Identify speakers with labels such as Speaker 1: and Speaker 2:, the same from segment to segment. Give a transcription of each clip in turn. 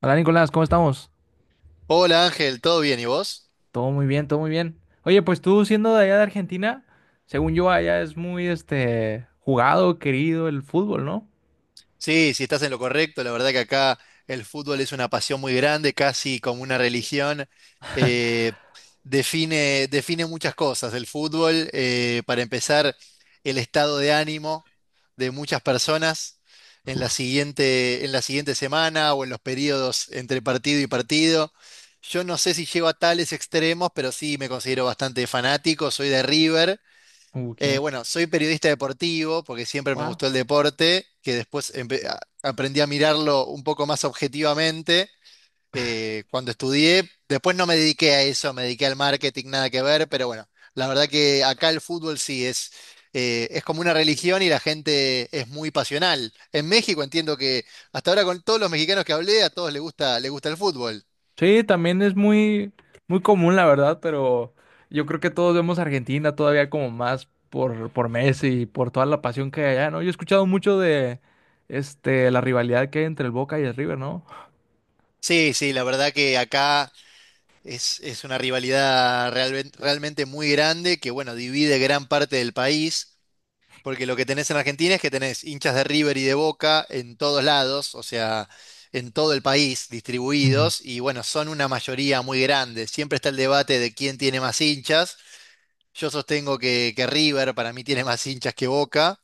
Speaker 1: Hola Nicolás, ¿cómo estamos?
Speaker 2: Hola Ángel, ¿todo bien? ¿Y vos?
Speaker 1: Todo muy bien, todo muy bien. Oye, pues tú siendo de allá de Argentina, según yo allá es muy este jugado, querido el fútbol, ¿no?
Speaker 2: Sí, sí, estás en lo correcto. La verdad que acá el fútbol es una pasión muy grande, casi como una religión. Eh, define, define muchas cosas. El fútbol, para empezar, el estado de ánimo de muchas personas en la siguiente semana o en los periodos entre partido y partido. Yo no sé si llego a tales extremos, pero sí me considero bastante fanático. Soy de River.
Speaker 1: Ok,
Speaker 2: Bueno, soy periodista deportivo porque siempre me
Speaker 1: wow.
Speaker 2: gustó el deporte, que después aprendí a mirarlo un poco más objetivamente cuando estudié. Después no me dediqué a eso, me dediqué al marketing, nada que ver, pero bueno, la verdad que acá el fútbol sí es como una religión y la gente es muy pasional. En México entiendo que hasta ahora con todos los mexicanos que hablé, a todos les gusta el fútbol.
Speaker 1: Sí, también es muy muy común la verdad, pero yo creo que todos vemos a Argentina todavía como más por Messi y por toda la pasión que hay allá, ¿no? Yo he escuchado mucho de este la rivalidad que hay entre el Boca y el River, ¿no?
Speaker 2: Sí, sí, la verdad que acá... es una rivalidad realmente, realmente muy grande que, bueno, divide gran parte del país, porque lo que tenés en Argentina es que tenés hinchas de River y de Boca en todos lados, o sea, en todo el país
Speaker 1: Ujú.
Speaker 2: distribuidos, y bueno, son una mayoría muy grande. Siempre está el debate de quién tiene más hinchas. Yo sostengo que River para mí tiene más hinchas que Boca.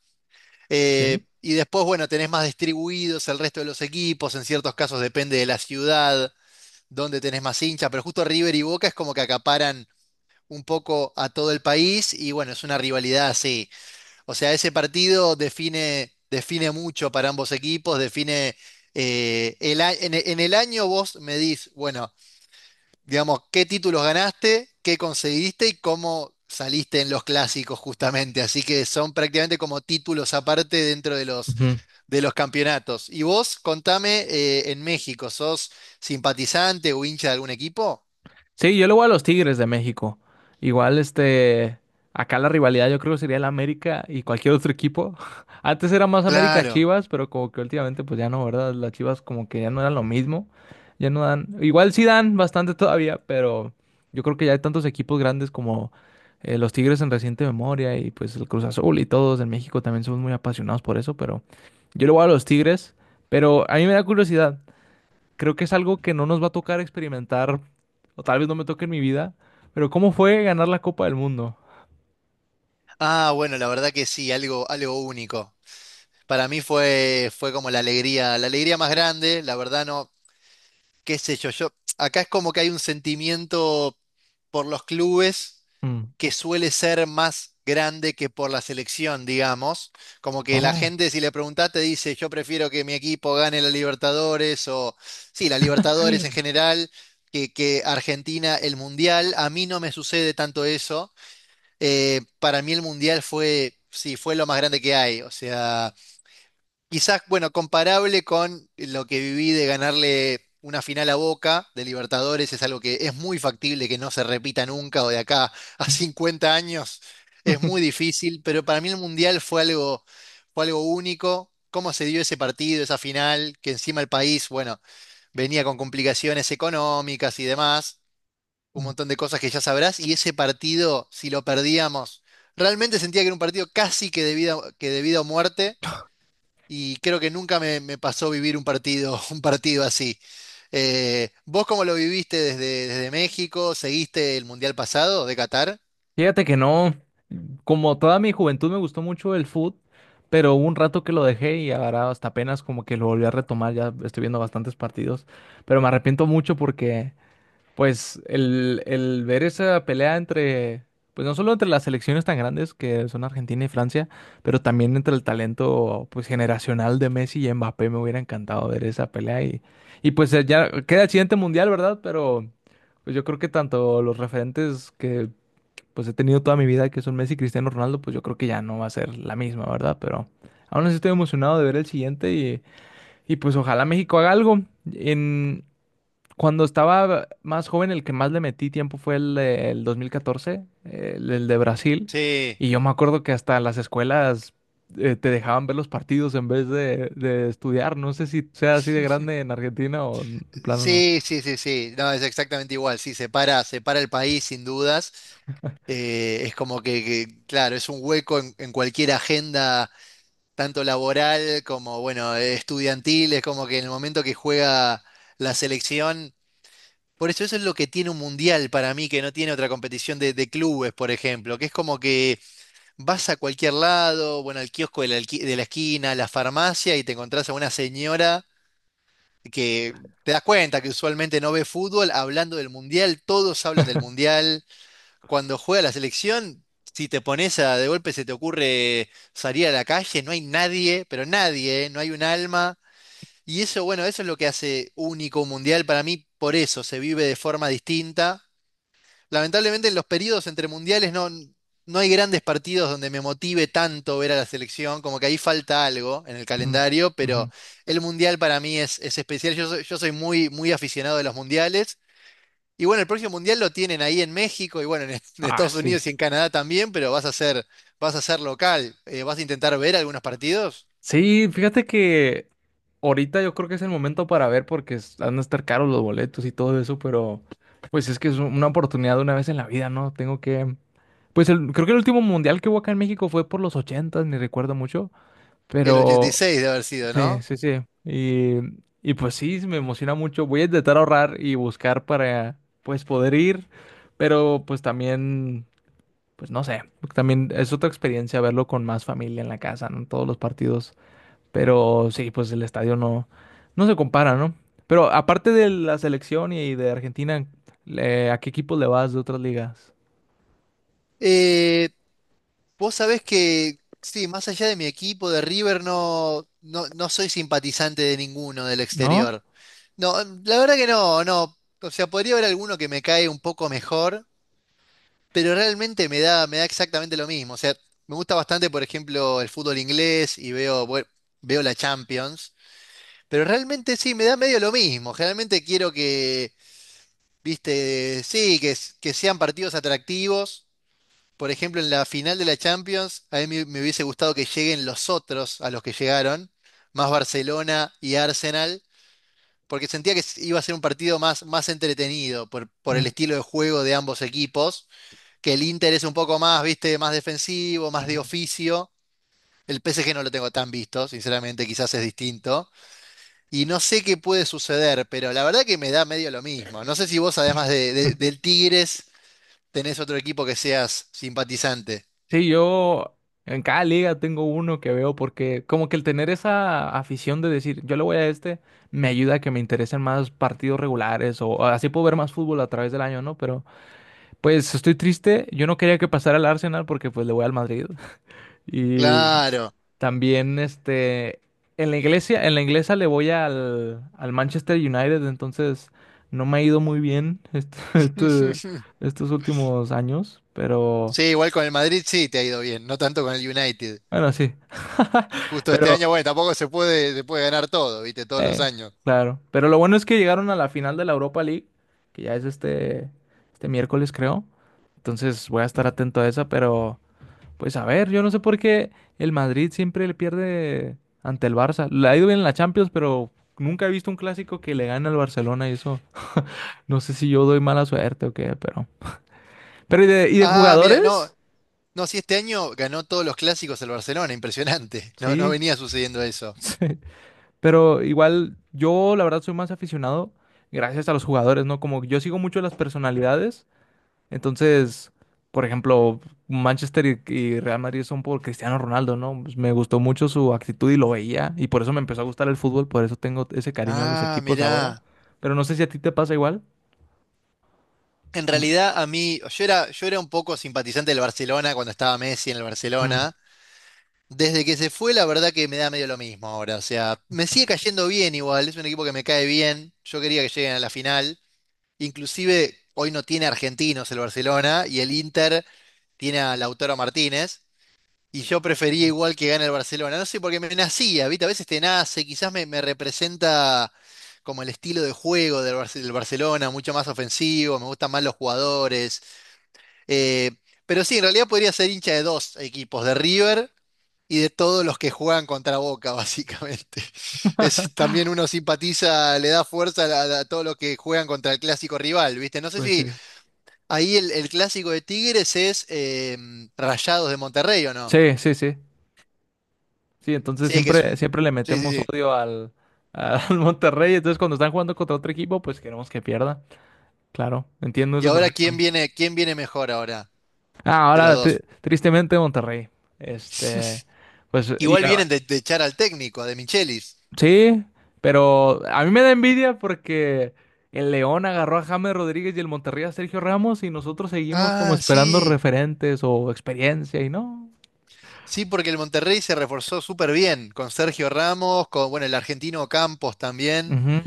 Speaker 2: Eh,
Speaker 1: Sí.
Speaker 2: y después, bueno, tenés más distribuidos el resto de los equipos, en ciertos casos depende de la ciudad, donde tenés más hinchas, pero justo River y Boca es como que acaparan un poco a todo el país y bueno, es una rivalidad así. O sea, ese partido define, define mucho para ambos equipos, define el, a- en, e- en el año vos medís, bueno, digamos, qué títulos ganaste, qué conseguiste y cómo saliste en los clásicos justamente. Así que son prácticamente como títulos aparte dentro
Speaker 1: Ujú.
Speaker 2: de los campeonatos. Y vos, contame, en México, ¿sos simpatizante o hincha de algún equipo?
Speaker 1: Sí, yo le voy a los Tigres de México. Igual, este, acá la rivalidad yo creo que sería el América y cualquier otro equipo. Antes era más América
Speaker 2: Claro.
Speaker 1: Chivas, pero como que últimamente pues ya no, ¿verdad? Las Chivas como que ya no eran lo mismo. Ya no dan, igual sí dan bastante todavía, pero yo creo que ya hay tantos equipos grandes como los Tigres en reciente memoria y pues el Cruz Azul y todos en México también somos muy apasionados por eso, pero yo le voy a los Tigres, pero a mí me da curiosidad. Creo que es algo que no nos va a tocar experimentar o tal vez no me toque en mi vida, pero ¿cómo fue ganar la Copa del Mundo?
Speaker 2: Ah, bueno, la verdad que sí, algo, algo único. Para mí fue, fue como la alegría más grande, la verdad no, qué sé yo, yo, acá es como que hay un sentimiento por los clubes
Speaker 1: Mm.
Speaker 2: que suele ser más grande que por la selección, digamos. Como que la
Speaker 1: Oh.
Speaker 2: gente, si le preguntás, te dice, yo prefiero que mi equipo gane la Libertadores o, sí, la Libertadores en general, que Argentina el Mundial. A mí no me sucede tanto eso. Para mí el Mundial fue, sí, fue lo más grande que hay. O sea, quizás, bueno, comparable con lo que viví de ganarle una final a Boca de Libertadores, es algo que es muy factible que no se repita nunca o de acá a 50 años. Es muy difícil, pero para mí el Mundial fue algo único. Cómo se dio ese partido, esa final, que encima el país, bueno, venía con complicaciones económicas y demás un montón de cosas que ya sabrás, y ese partido, si lo perdíamos, realmente sentía que era un partido casi que de vida o muerte, y creo que nunca me, me pasó vivir un partido, un partido así. ¿Vos cómo lo viviste desde, desde México? ¿Seguiste el Mundial pasado de Qatar?
Speaker 1: Fíjate que no, como toda mi juventud me gustó mucho el fútbol, pero hubo un rato que lo dejé y ahora hasta apenas como que lo volví a retomar, ya estoy viendo bastantes partidos, pero me arrepiento mucho porque pues el ver esa pelea entre, pues no solo entre las selecciones tan grandes que son Argentina y Francia, pero también entre el talento pues generacional de Messi y Mbappé, me hubiera encantado ver esa pelea y pues ya queda el siguiente mundial, ¿verdad? Pero pues yo creo que tanto los referentes que pues he tenido toda mi vida, que son Messi y Cristiano Ronaldo, pues yo creo que ya no va a ser la misma, ¿verdad? Pero aún así estoy emocionado de ver el siguiente y pues ojalá México haga algo. En, cuando estaba más joven, el que más le metí tiempo fue el 2014, el de Brasil.
Speaker 2: Sí,
Speaker 1: Y yo me acuerdo que hasta las escuelas te dejaban ver los partidos en vez de estudiar. No sé si sea así de grande en Argentina o de plano no.
Speaker 2: sí, sí, sí, sí. No, es exactamente igual. Sí, separa, separa el país sin dudas. Es como que, claro, es un hueco en cualquier agenda tanto laboral como, bueno, estudiantil, es como que en el momento que juega la selección, por eso eso es lo que tiene un mundial para mí, que no tiene otra competición de clubes, por ejemplo, que es como que vas a cualquier lado, bueno, al kiosco de la, de la esquina, a la farmacia y te encontrás a una señora que te das cuenta que usualmente no ve fútbol hablando del mundial, todos hablan del mundial cuando juega la selección, si te pones a de golpe se te ocurre salir a la calle, no hay nadie, pero nadie, ¿eh? No hay un alma. Y eso, bueno, eso es lo que hace único un mundial para mí, por eso se vive de forma distinta. Lamentablemente en los periodos entre mundiales no, no hay grandes partidos donde me motive tanto ver a la selección, como que ahí falta algo en el
Speaker 1: Mm,
Speaker 2: calendario, pero
Speaker 1: ujú.
Speaker 2: el mundial para mí es especial. Yo soy muy, muy aficionado de los mundiales y bueno, el próximo mundial lo tienen ahí en México y bueno, en, en
Speaker 1: Ah,
Speaker 2: Estados
Speaker 1: sí.
Speaker 2: Unidos y en Canadá también, pero vas a ser local. Vas a intentar ver algunos partidos.
Speaker 1: Sí, fíjate que ahorita yo creo que es el momento para ver porque han de estar caros los boletos y todo eso, pero pues es que es una oportunidad de una vez en la vida, ¿no? Tengo que... Pues creo que el último mundial que hubo acá en México fue por los ochentas, ni recuerdo mucho,
Speaker 2: El
Speaker 1: pero
Speaker 2: 86 de haber sido,
Speaker 1: sí,
Speaker 2: ¿no?
Speaker 1: sí, sí. Y pues sí, me emociona mucho. Voy a intentar ahorrar y buscar para pues poder ir, pero pues también, pues no sé, también es otra experiencia verlo con más familia en la casa, ¿no? Todos los partidos, pero sí, pues el estadio no, no se compara, ¿no? Pero aparte de la selección y de Argentina, ¿a qué equipos le vas de otras ligas?
Speaker 2: Eh, vos sabés que, sí, más allá de mi equipo de River, no, no, no soy simpatizante de ninguno del
Speaker 1: ¿No?
Speaker 2: exterior. No, la verdad que no, no. O sea, podría haber alguno que me cae un poco mejor, pero realmente me da exactamente lo mismo. O sea, me gusta bastante, por ejemplo, el fútbol inglés y veo, bueno, veo la Champions. Pero realmente sí, me da medio lo mismo. Generalmente quiero que, viste, sí, que sean partidos atractivos. Por ejemplo, en la final de la Champions, a mí me, me hubiese gustado que lleguen los otros a los que llegaron, más Barcelona y Arsenal, porque sentía que iba a ser un partido más, más entretenido por el
Speaker 1: Mm,
Speaker 2: estilo de juego de ambos equipos, que el Inter es un poco más, viste, más defensivo, más de oficio. El PSG no lo tengo tan visto, sinceramente, quizás es distinto. Y no sé qué puede suceder, pero la verdad que me da medio lo mismo. No sé si vos, además de,
Speaker 1: ujú.
Speaker 2: del Tigres, tenés otro equipo que seas simpatizante.
Speaker 1: Sí, yo en cada liga tengo uno que veo porque como que el tener esa afición de decir, yo le voy a este, me ayuda a que me interesen más partidos regulares o así puedo ver más fútbol a través del año, ¿no? Pero pues estoy triste, yo no quería que pasara al Arsenal porque pues le voy al Madrid. Y
Speaker 2: Claro.
Speaker 1: también este en la inglesa le voy al, al Manchester United, entonces no me ha ido muy bien estos últimos años, pero
Speaker 2: Sí, igual con el Madrid sí te ha ido bien, no tanto con el United.
Speaker 1: bueno, sí.
Speaker 2: Justo este
Speaker 1: Pero
Speaker 2: año, bueno, tampoco se puede, se puede ganar todo, ¿viste? Todos los
Speaker 1: eh,
Speaker 2: años.
Speaker 1: claro. Pero lo bueno es que llegaron a la final de la Europa League, que ya es este, este miércoles, creo. Entonces voy a estar atento a esa, pero pues a ver, yo no sé por qué el Madrid siempre le pierde ante el Barça. Le ha ido bien en la Champions, pero nunca he visto un clásico que le gane al Barcelona y eso. No sé si yo doy mala suerte o qué, pero. Pero ¿y y de
Speaker 2: Ah, mira, no,
Speaker 1: jugadores?
Speaker 2: no, sí, este año ganó todos los clásicos el Barcelona, impresionante. No, no
Speaker 1: Sí,
Speaker 2: venía sucediendo eso.
Speaker 1: sí. Pero igual yo la verdad soy más aficionado gracias a los jugadores, ¿no? Como yo sigo mucho las personalidades. Entonces, por ejemplo, Manchester y Real Madrid son por Cristiano Ronaldo, ¿no? Pues me gustó mucho su actitud y lo veía, y por eso me empezó a gustar el fútbol, por eso tengo ese cariño a los
Speaker 2: Ah,
Speaker 1: equipos ahora.
Speaker 2: mirá.
Speaker 1: Pero no sé si a ti te pasa igual.
Speaker 2: En
Speaker 1: Mm,
Speaker 2: realidad a mí, yo era un poco simpatizante del Barcelona cuando estaba Messi en el
Speaker 1: mm.
Speaker 2: Barcelona. Desde que se fue, la verdad que me da medio lo mismo ahora. O sea, me sigue cayendo bien igual, es un equipo que me cae bien. Yo quería que lleguen a la final. Inclusive hoy no tiene argentinos el Barcelona y el Inter tiene a Lautaro Martínez. Y yo prefería igual que gane el Barcelona. No sé, porque me nacía, ¿viste? A veces te nace, quizás me, me representa como el estilo de juego del del Barcelona, mucho más ofensivo, me gustan más los jugadores. Eh, pero sí, en realidad podría ser hincha de dos equipos, de River y de todos los que juegan contra Boca, básicamente. Es, también uno simpatiza, le da fuerza a todos los que juegan contra el clásico rival, ¿viste? No sé
Speaker 1: Pues sí.
Speaker 2: si ahí el clásico de Tigres es Rayados de Monterrey o no.
Speaker 1: Sí, sí, sí. Sí, entonces
Speaker 2: Sí, que es
Speaker 1: siempre,
Speaker 2: un...
Speaker 1: siempre le
Speaker 2: Sí, sí,
Speaker 1: metemos
Speaker 2: sí.
Speaker 1: odio al, al Monterrey. Entonces, cuando están jugando contra otro equipo, pues queremos que pierda. Claro, entiendo
Speaker 2: Y
Speaker 1: eso
Speaker 2: ahora,
Speaker 1: perfecto.
Speaker 2: quién viene mejor ahora
Speaker 1: Ah,
Speaker 2: de los
Speaker 1: ahora,
Speaker 2: dos?
Speaker 1: tristemente, Monterrey. Este, pues, y,
Speaker 2: Igual vienen de echar al técnico, a De Michelis.
Speaker 1: sí, pero a mí me da envidia porque el León agarró a James Rodríguez y el Monterrey a Sergio Ramos y nosotros seguimos como
Speaker 2: Ah,
Speaker 1: esperando
Speaker 2: sí.
Speaker 1: referentes o experiencia y no.
Speaker 2: Sí, porque el Monterrey se reforzó súper bien con Sergio Ramos, con bueno, el argentino Campos también.
Speaker 1: Ujú.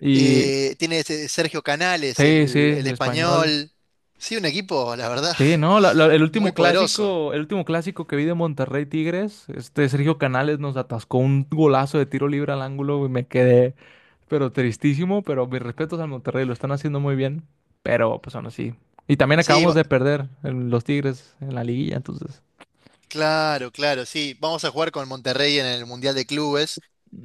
Speaker 1: Y
Speaker 2: Tiene ese Sergio Canales,
Speaker 1: sí, sí,
Speaker 2: el
Speaker 1: el español.
Speaker 2: español. Sí, un equipo, la verdad,
Speaker 1: Sí, no,
Speaker 2: muy poderoso.
Speaker 1: el último clásico que vi de Monterrey Tigres, este Sergio Canales nos atascó un golazo de tiro libre al ángulo y me quedé, pero tristísimo, pero mis respetos al Monterrey, lo están haciendo muy bien, pero pues aún así. Y también
Speaker 2: Sí,
Speaker 1: acabamos
Speaker 2: va-
Speaker 1: de perder en los Tigres en la liguilla, entonces,
Speaker 2: claro, claro, sí. Vamos a jugar con Monterrey en el Mundial de Clubes.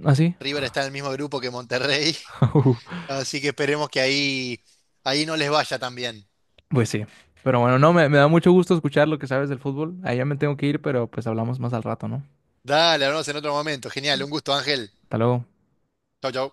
Speaker 1: así.
Speaker 2: River está en el mismo grupo que Monterrey, así que esperemos que ahí, ahí no les vaya tan bien.
Speaker 1: Pues sí. Pero bueno, no, me da mucho gusto escuchar lo que sabes del fútbol. Ahí ya me tengo que ir, pero pues hablamos más al rato, ¿no?
Speaker 2: Dale, hablamos en otro momento. Genial, un gusto, Ángel.
Speaker 1: Hasta luego.
Speaker 2: Chau, chau.